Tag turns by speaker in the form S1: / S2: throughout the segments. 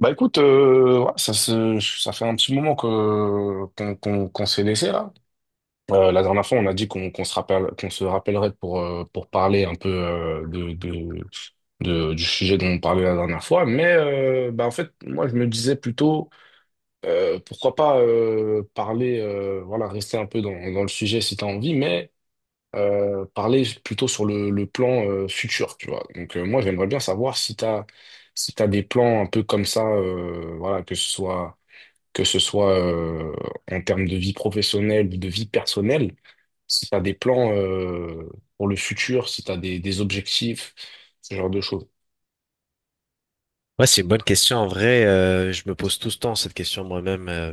S1: Bah écoute, ouais, ça fait un petit moment que qu'on qu'on qu'on s'est laissé là. La dernière fois, on a dit qu'on qu'on se rappellerait pour parler un peu du sujet dont on parlait la dernière fois. Mais bah en fait, moi je me disais plutôt pourquoi pas parler, voilà, rester un peu dans le sujet si t'as envie, mais parler plutôt sur le plan futur, tu vois. Donc moi, j'aimerais bien savoir si t'as des plans un peu comme ça, voilà, que ce soit en termes de vie professionnelle ou de vie personnelle, si t'as des plans pour le futur, si t'as des objectifs, ce genre de choses.
S2: Ouais, c'est une bonne question. En vrai, je me pose tout ce temps cette question moi-même,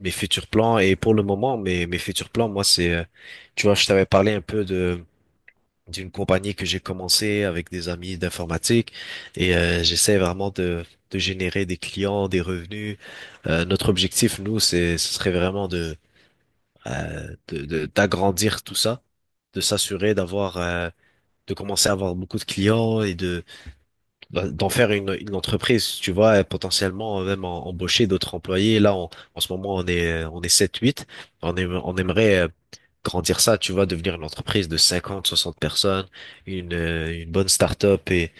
S2: mes futurs plans. Et pour le moment, mes futurs plans, moi, c'est, tu vois, je t'avais parlé un peu de d'une compagnie que j'ai commencé avec des amis d'informatique et j'essaie vraiment de générer des clients, des revenus. Notre objectif, nous, c'est, ce serait vraiment de, d'agrandir tout ça, de s'assurer d'avoir, de commencer à avoir beaucoup de clients et de bah, d'en faire une entreprise, tu vois, et potentiellement même embaucher d'autres employés. En ce moment, on est 7 8. On aimerait grandir ça, tu vois, devenir une entreprise de 50 60 personnes, une bonne start-up et,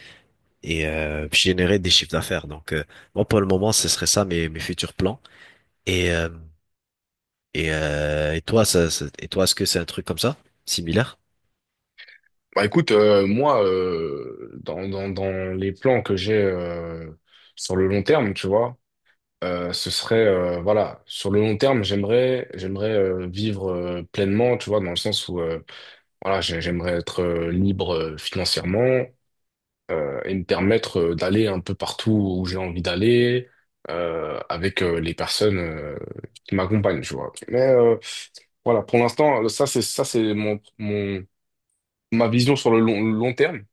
S2: et euh, puis générer des chiffres d'affaires. Donc, moi, pour le moment, ce serait ça mes futurs plans. Et, euh, et toi, est-ce que c'est un truc comme ça, similaire?
S1: Bah écoute, moi, dans les plans que j'ai sur le long terme, tu vois, ce serait, voilà, sur le long terme, j'aimerais vivre pleinement, tu vois, dans le sens où, voilà, j'aimerais être libre financièrement et me permettre d'aller un peu partout où j'ai envie d'aller avec les personnes qui m'accompagnent, tu vois. Mais voilà, pour l'instant, ça c'est mon, mon ma vision sur le long, long terme.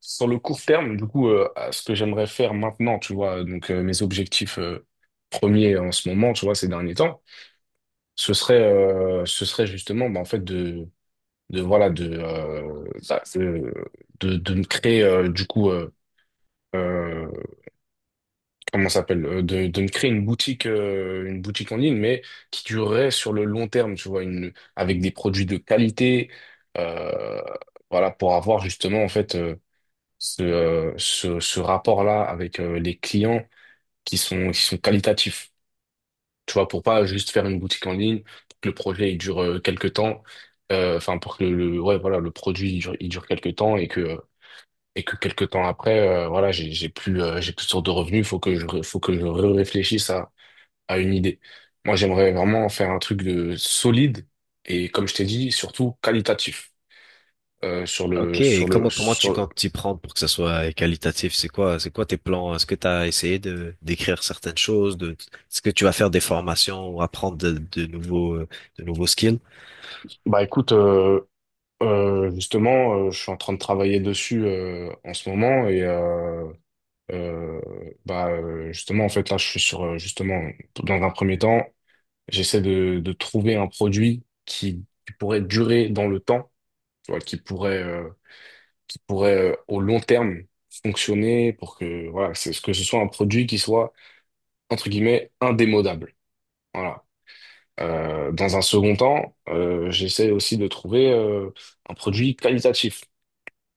S1: Sur le court terme, du coup, à ce que j'aimerais faire maintenant, tu vois, donc mes objectifs premiers en ce moment, tu vois, ces derniers temps, ce serait justement, bah, en fait, de voilà, de, bah, de me créer, du coup, euh, comment ça s'appelle, de me créer une boutique en ligne, mais qui durerait sur le long terme, tu vois, avec des produits de qualité, euh, voilà, pour avoir justement, en fait, ce rapport-là avec les clients qui sont qualitatifs. Tu vois, pour pas juste faire une boutique en ligne, pour que le projet il dure quelques temps, enfin pour que ouais, voilà, le produit il dure quelques temps et que quelques temps après, voilà, j'ai plus de source de revenus, faut que je réfléchisse à une idée. Moi, j'aimerais vraiment faire un truc de solide et comme je t'ai dit, surtout qualitatif. euh, sur le
S2: Ok, et
S1: sur le
S2: comment tu
S1: sur le-
S2: comptes t'y prendre pour que ça soit qualitatif? C'est quoi tes plans? Est-ce que tu as essayé de d'écrire certaines choses? De, est-ce que tu vas faire des formations ou apprendre de nouveaux skills?
S1: Bah écoute. Justement, je suis en train de travailler dessus en ce moment, et euh, bah justement en fait là je suis sur, justement dans un premier temps j'essaie de trouver un produit qui pourrait durer dans le temps, tu vois, qui pourrait au long terme fonctionner, pour que voilà, c'est ce que ce soit un produit qui soit entre guillemets indémodable. Voilà. Dans un second temps, j'essaie aussi de trouver un produit qualitatif.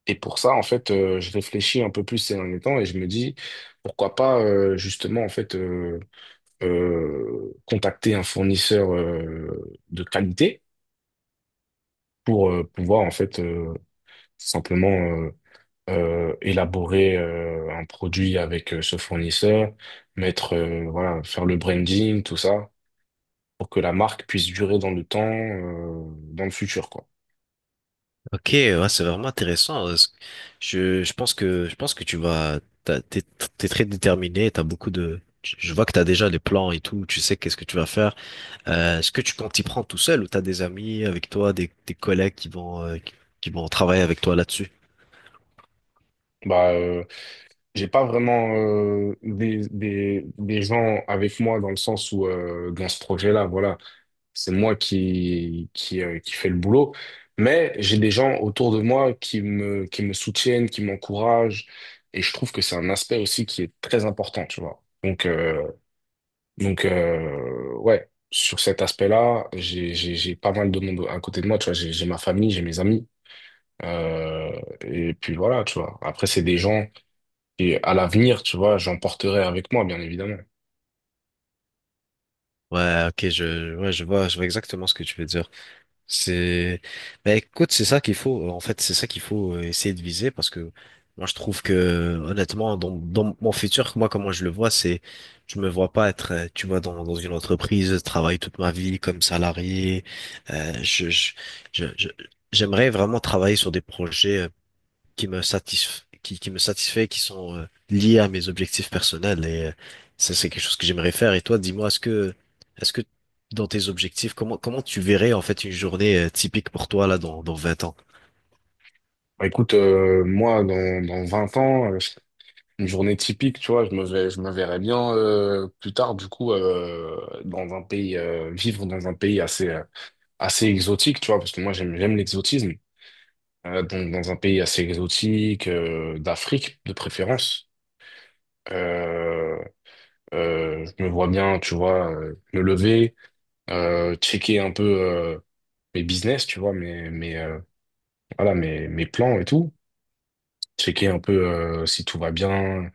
S1: Et pour ça, en fait, je réfléchis un peu plus ces derniers temps et je me dis, pourquoi pas justement, en fait, contacter un fournisseur de qualité pour pouvoir, en fait, simplement élaborer un produit avec ce fournisseur, mettre, voilà, faire le branding, tout ça, pour que la marque puisse durer dans le temps, dans le futur, quoi.
S2: Ok, ouais, c'est vraiment intéressant. Est-ce que- je pense que tu vas t'as- t'es t'es très déterminé. T'as beaucoup de je vois que t'as déjà les plans et tout. Tu sais qu'est-ce que tu vas faire. Est-ce que tu comptes t'y prendre tout seul ou t'as des amis avec toi, des collègues qui vont qui vont travailler avec toi là-dessus?
S1: Bah, j'ai pas vraiment des gens avec moi dans le sens où dans ce projet-là, voilà, c'est moi qui fait le boulot, mais j'ai des gens autour de moi qui me soutiennent, qui m'encouragent, et je trouve que c'est un aspect aussi qui est très important, tu vois. Donc, ouais, sur cet aspect-là, j'ai pas mal de monde à côté de moi, tu vois. J'ai ma famille, j'ai mes amis, euh, et puis voilà, tu vois. Après, c'est des gens et à l'avenir, tu vois, j'emporterai avec moi, bien évidemment.
S2: Ouais, ok, ouais, je vois exactement ce que tu veux dire. C'est, bah écoute, c'est ça qu'il faut. En fait, c'est ça qu'il faut essayer de viser parce que moi, je trouve que honnêtement, dans mon futur, moi, comment je le vois, c'est, je me vois pas être, tu vois, dans une entreprise, travailler toute ma vie comme salarié. Euh, je, je, je, je- J'aimerais vraiment travailler sur des projets qui me satisfait, qui sont liés à mes objectifs personnels. Et ça, c'est quelque chose que j'aimerais faire. Et toi, dis-moi, est-ce que dans tes objectifs, comment tu verrais en fait une journée typique pour toi là dans 20 ans?
S1: Bah, écoute, moi, dans 20 ans, une journée typique, tu vois, je me verrais bien, plus tard, du coup, dans un pays, vivre dans un pays assez exotique, tu vois, parce que moi, j'aime l'exotisme. Donc, dans un pays assez exotique, d'Afrique, de préférence. Euh, je me vois bien, tu vois, me lever, checker un peu mes business, tu vois, voilà, mes plans et tout. Checker un peu si tout va bien,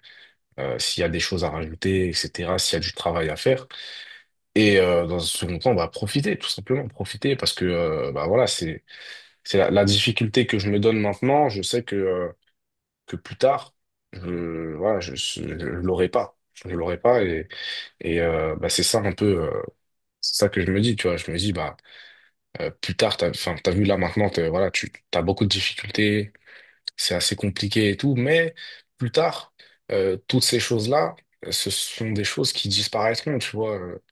S1: s'il y a des choses à rajouter, etc., s'il y a du travail à faire. Et dans un second temps, bah, profiter, tout simplement, profiter, parce que bah, voilà, c'est la difficulté que je me donne maintenant. Je sais que plus tard, voilà, je l'aurai pas. Je l'aurai pas. Et, bah, c'est ça un peu. C'est ça que je me dis, tu vois. Je me dis, bah, plus tard, enfin, t'as vu là maintenant, voilà, tu as beaucoup de difficultés, c'est assez compliqué et tout, mais plus tard, toutes ces choses-là, ce sont des choses qui disparaîtront, tu vois,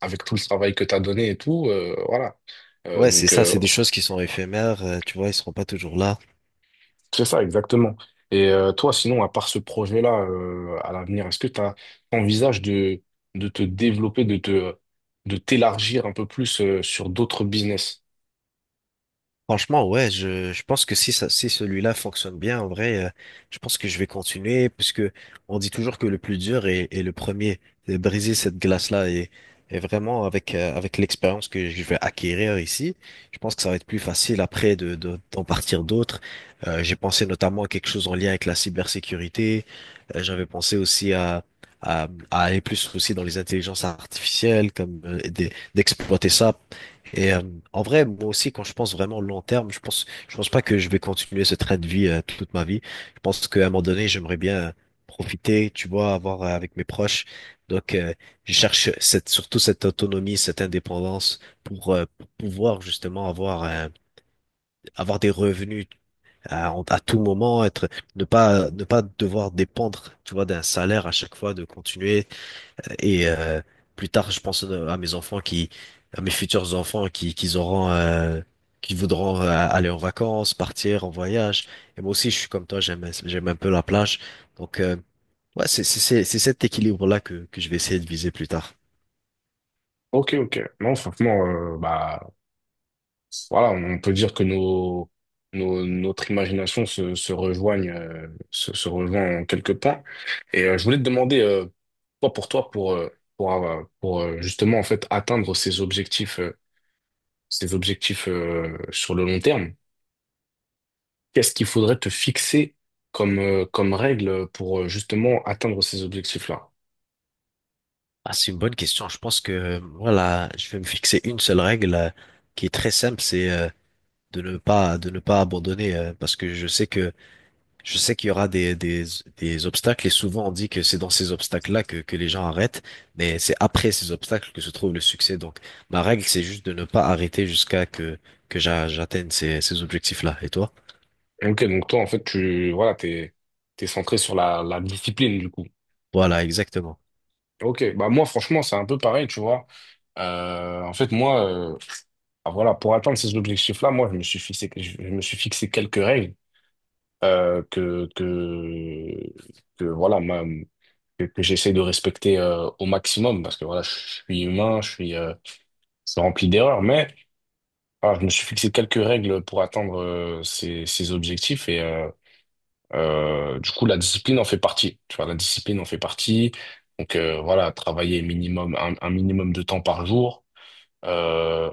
S1: avec tout le travail que tu as donné et tout, voilà.
S2: Ouais, c'est
S1: Donc,
S2: ça, c'est des choses qui sont éphémères, tu vois, ils seront pas toujours là.
S1: c'est ça, exactement. Et toi, sinon, à part ce projet-là, à l'avenir, est-ce que tu envisages de, te développer, de t'élargir un peu plus sur d'autres business?
S2: Franchement, ouais, je pense que si celui-là fonctionne bien, en vrai, je pense que je vais continuer parce que on dit toujours que le plus dur est le premier. Et briser cette glace-là et vraiment avec, avec l'expérience que je vais acquérir ici, je pense que ça va être plus facile après de, d'en partir d'autres. J'ai pensé notamment à quelque chose en lien avec la cybersécurité. J'avais pensé aussi à, à aller plus aussi dans les intelligences artificielles, comme d'exploiter ça et en vrai, moi aussi, quand je pense vraiment long terme, je pense pas que je vais continuer ce train de vie toute ma vie. Je pense qu'à un moment donné, j'aimerais bien profiter, tu vois, avoir avec mes proches. Donc, je cherche cette, surtout cette autonomie, cette indépendance pour pouvoir justement avoir, avoir des revenus à tout moment, être, ne pas devoir dépendre, tu vois, d'un salaire à chaque fois, de continuer et plus tard, je pense à mes futurs enfants qu'ils auront, qui voudront aller en vacances, partir en voyage. Et moi aussi, je suis comme toi, j'aime un peu la plage. Donc, ouais, c'est cet équilibre-là que je vais essayer de viser plus tard.
S1: Ok, ok. Non, franchement, bah, voilà, on peut dire que notre imagination se rejoint en quelques points. Et je voulais te demander, toi, pour toi, pour justement en fait atteindre ces objectifs sur le long terme, qu'est-ce qu'il faudrait te fixer comme règle pour justement atteindre ces objectifs-là?
S2: Ah, c'est une bonne question. Je pense que, voilà, je vais me fixer une seule règle qui est très simple, c'est de ne pas abandonner, parce que je sais que je sais qu'il y aura des, des obstacles et souvent on dit que c'est dans ces obstacles-là que les gens arrêtent, mais c'est après ces obstacles que se trouve le succès. Donc ma règle, c'est juste de ne pas arrêter jusqu'à que j'atteigne ces, ces objectifs-là. Et toi?
S1: Ok, donc toi, en fait, voilà, t'es centré sur la discipline, du coup.
S2: Voilà, exactement.
S1: Ok, bah moi franchement c'est un peu pareil, tu vois. En fait moi, euh, ah, voilà, pour atteindre ces objectifs-là, moi je me suis fixé quelques règles euh, que, que que voilà ma- que j'essaie de respecter au maximum parce que voilà je suis humain, je suis rempli d'erreurs, mais voilà, je me suis fixé quelques règles pour atteindre ces objectifs et du coup la discipline en fait partie. Tu vois, la discipline en fait partie. Donc voilà, travailler minimum un minimum de temps par jour. Euh,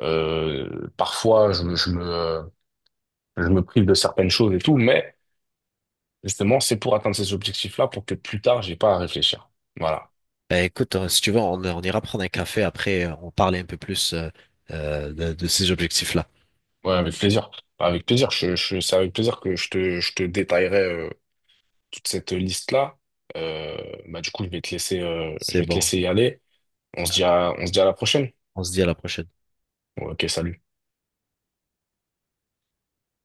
S1: Parfois, je me prive de certaines choses et tout, mais justement, c'est pour atteindre ces objectifs-là pour que plus tard, j'ai pas à réfléchir. Voilà.
S2: Eh, écoute, hein, si tu veux, on ira prendre un café après, on parle un peu plus de ces objectifs-là.
S1: Ouais, avec plaisir. Enfin, avec plaisir. C'est avec plaisir que je te détaillerai euh, toute cette liste-là. Euh, Bah, du coup, je
S2: C'est
S1: vais te
S2: bon,
S1: laisser y aller. On se dit à la prochaine.
S2: on se dit à la prochaine.
S1: Ouais, ok, salut.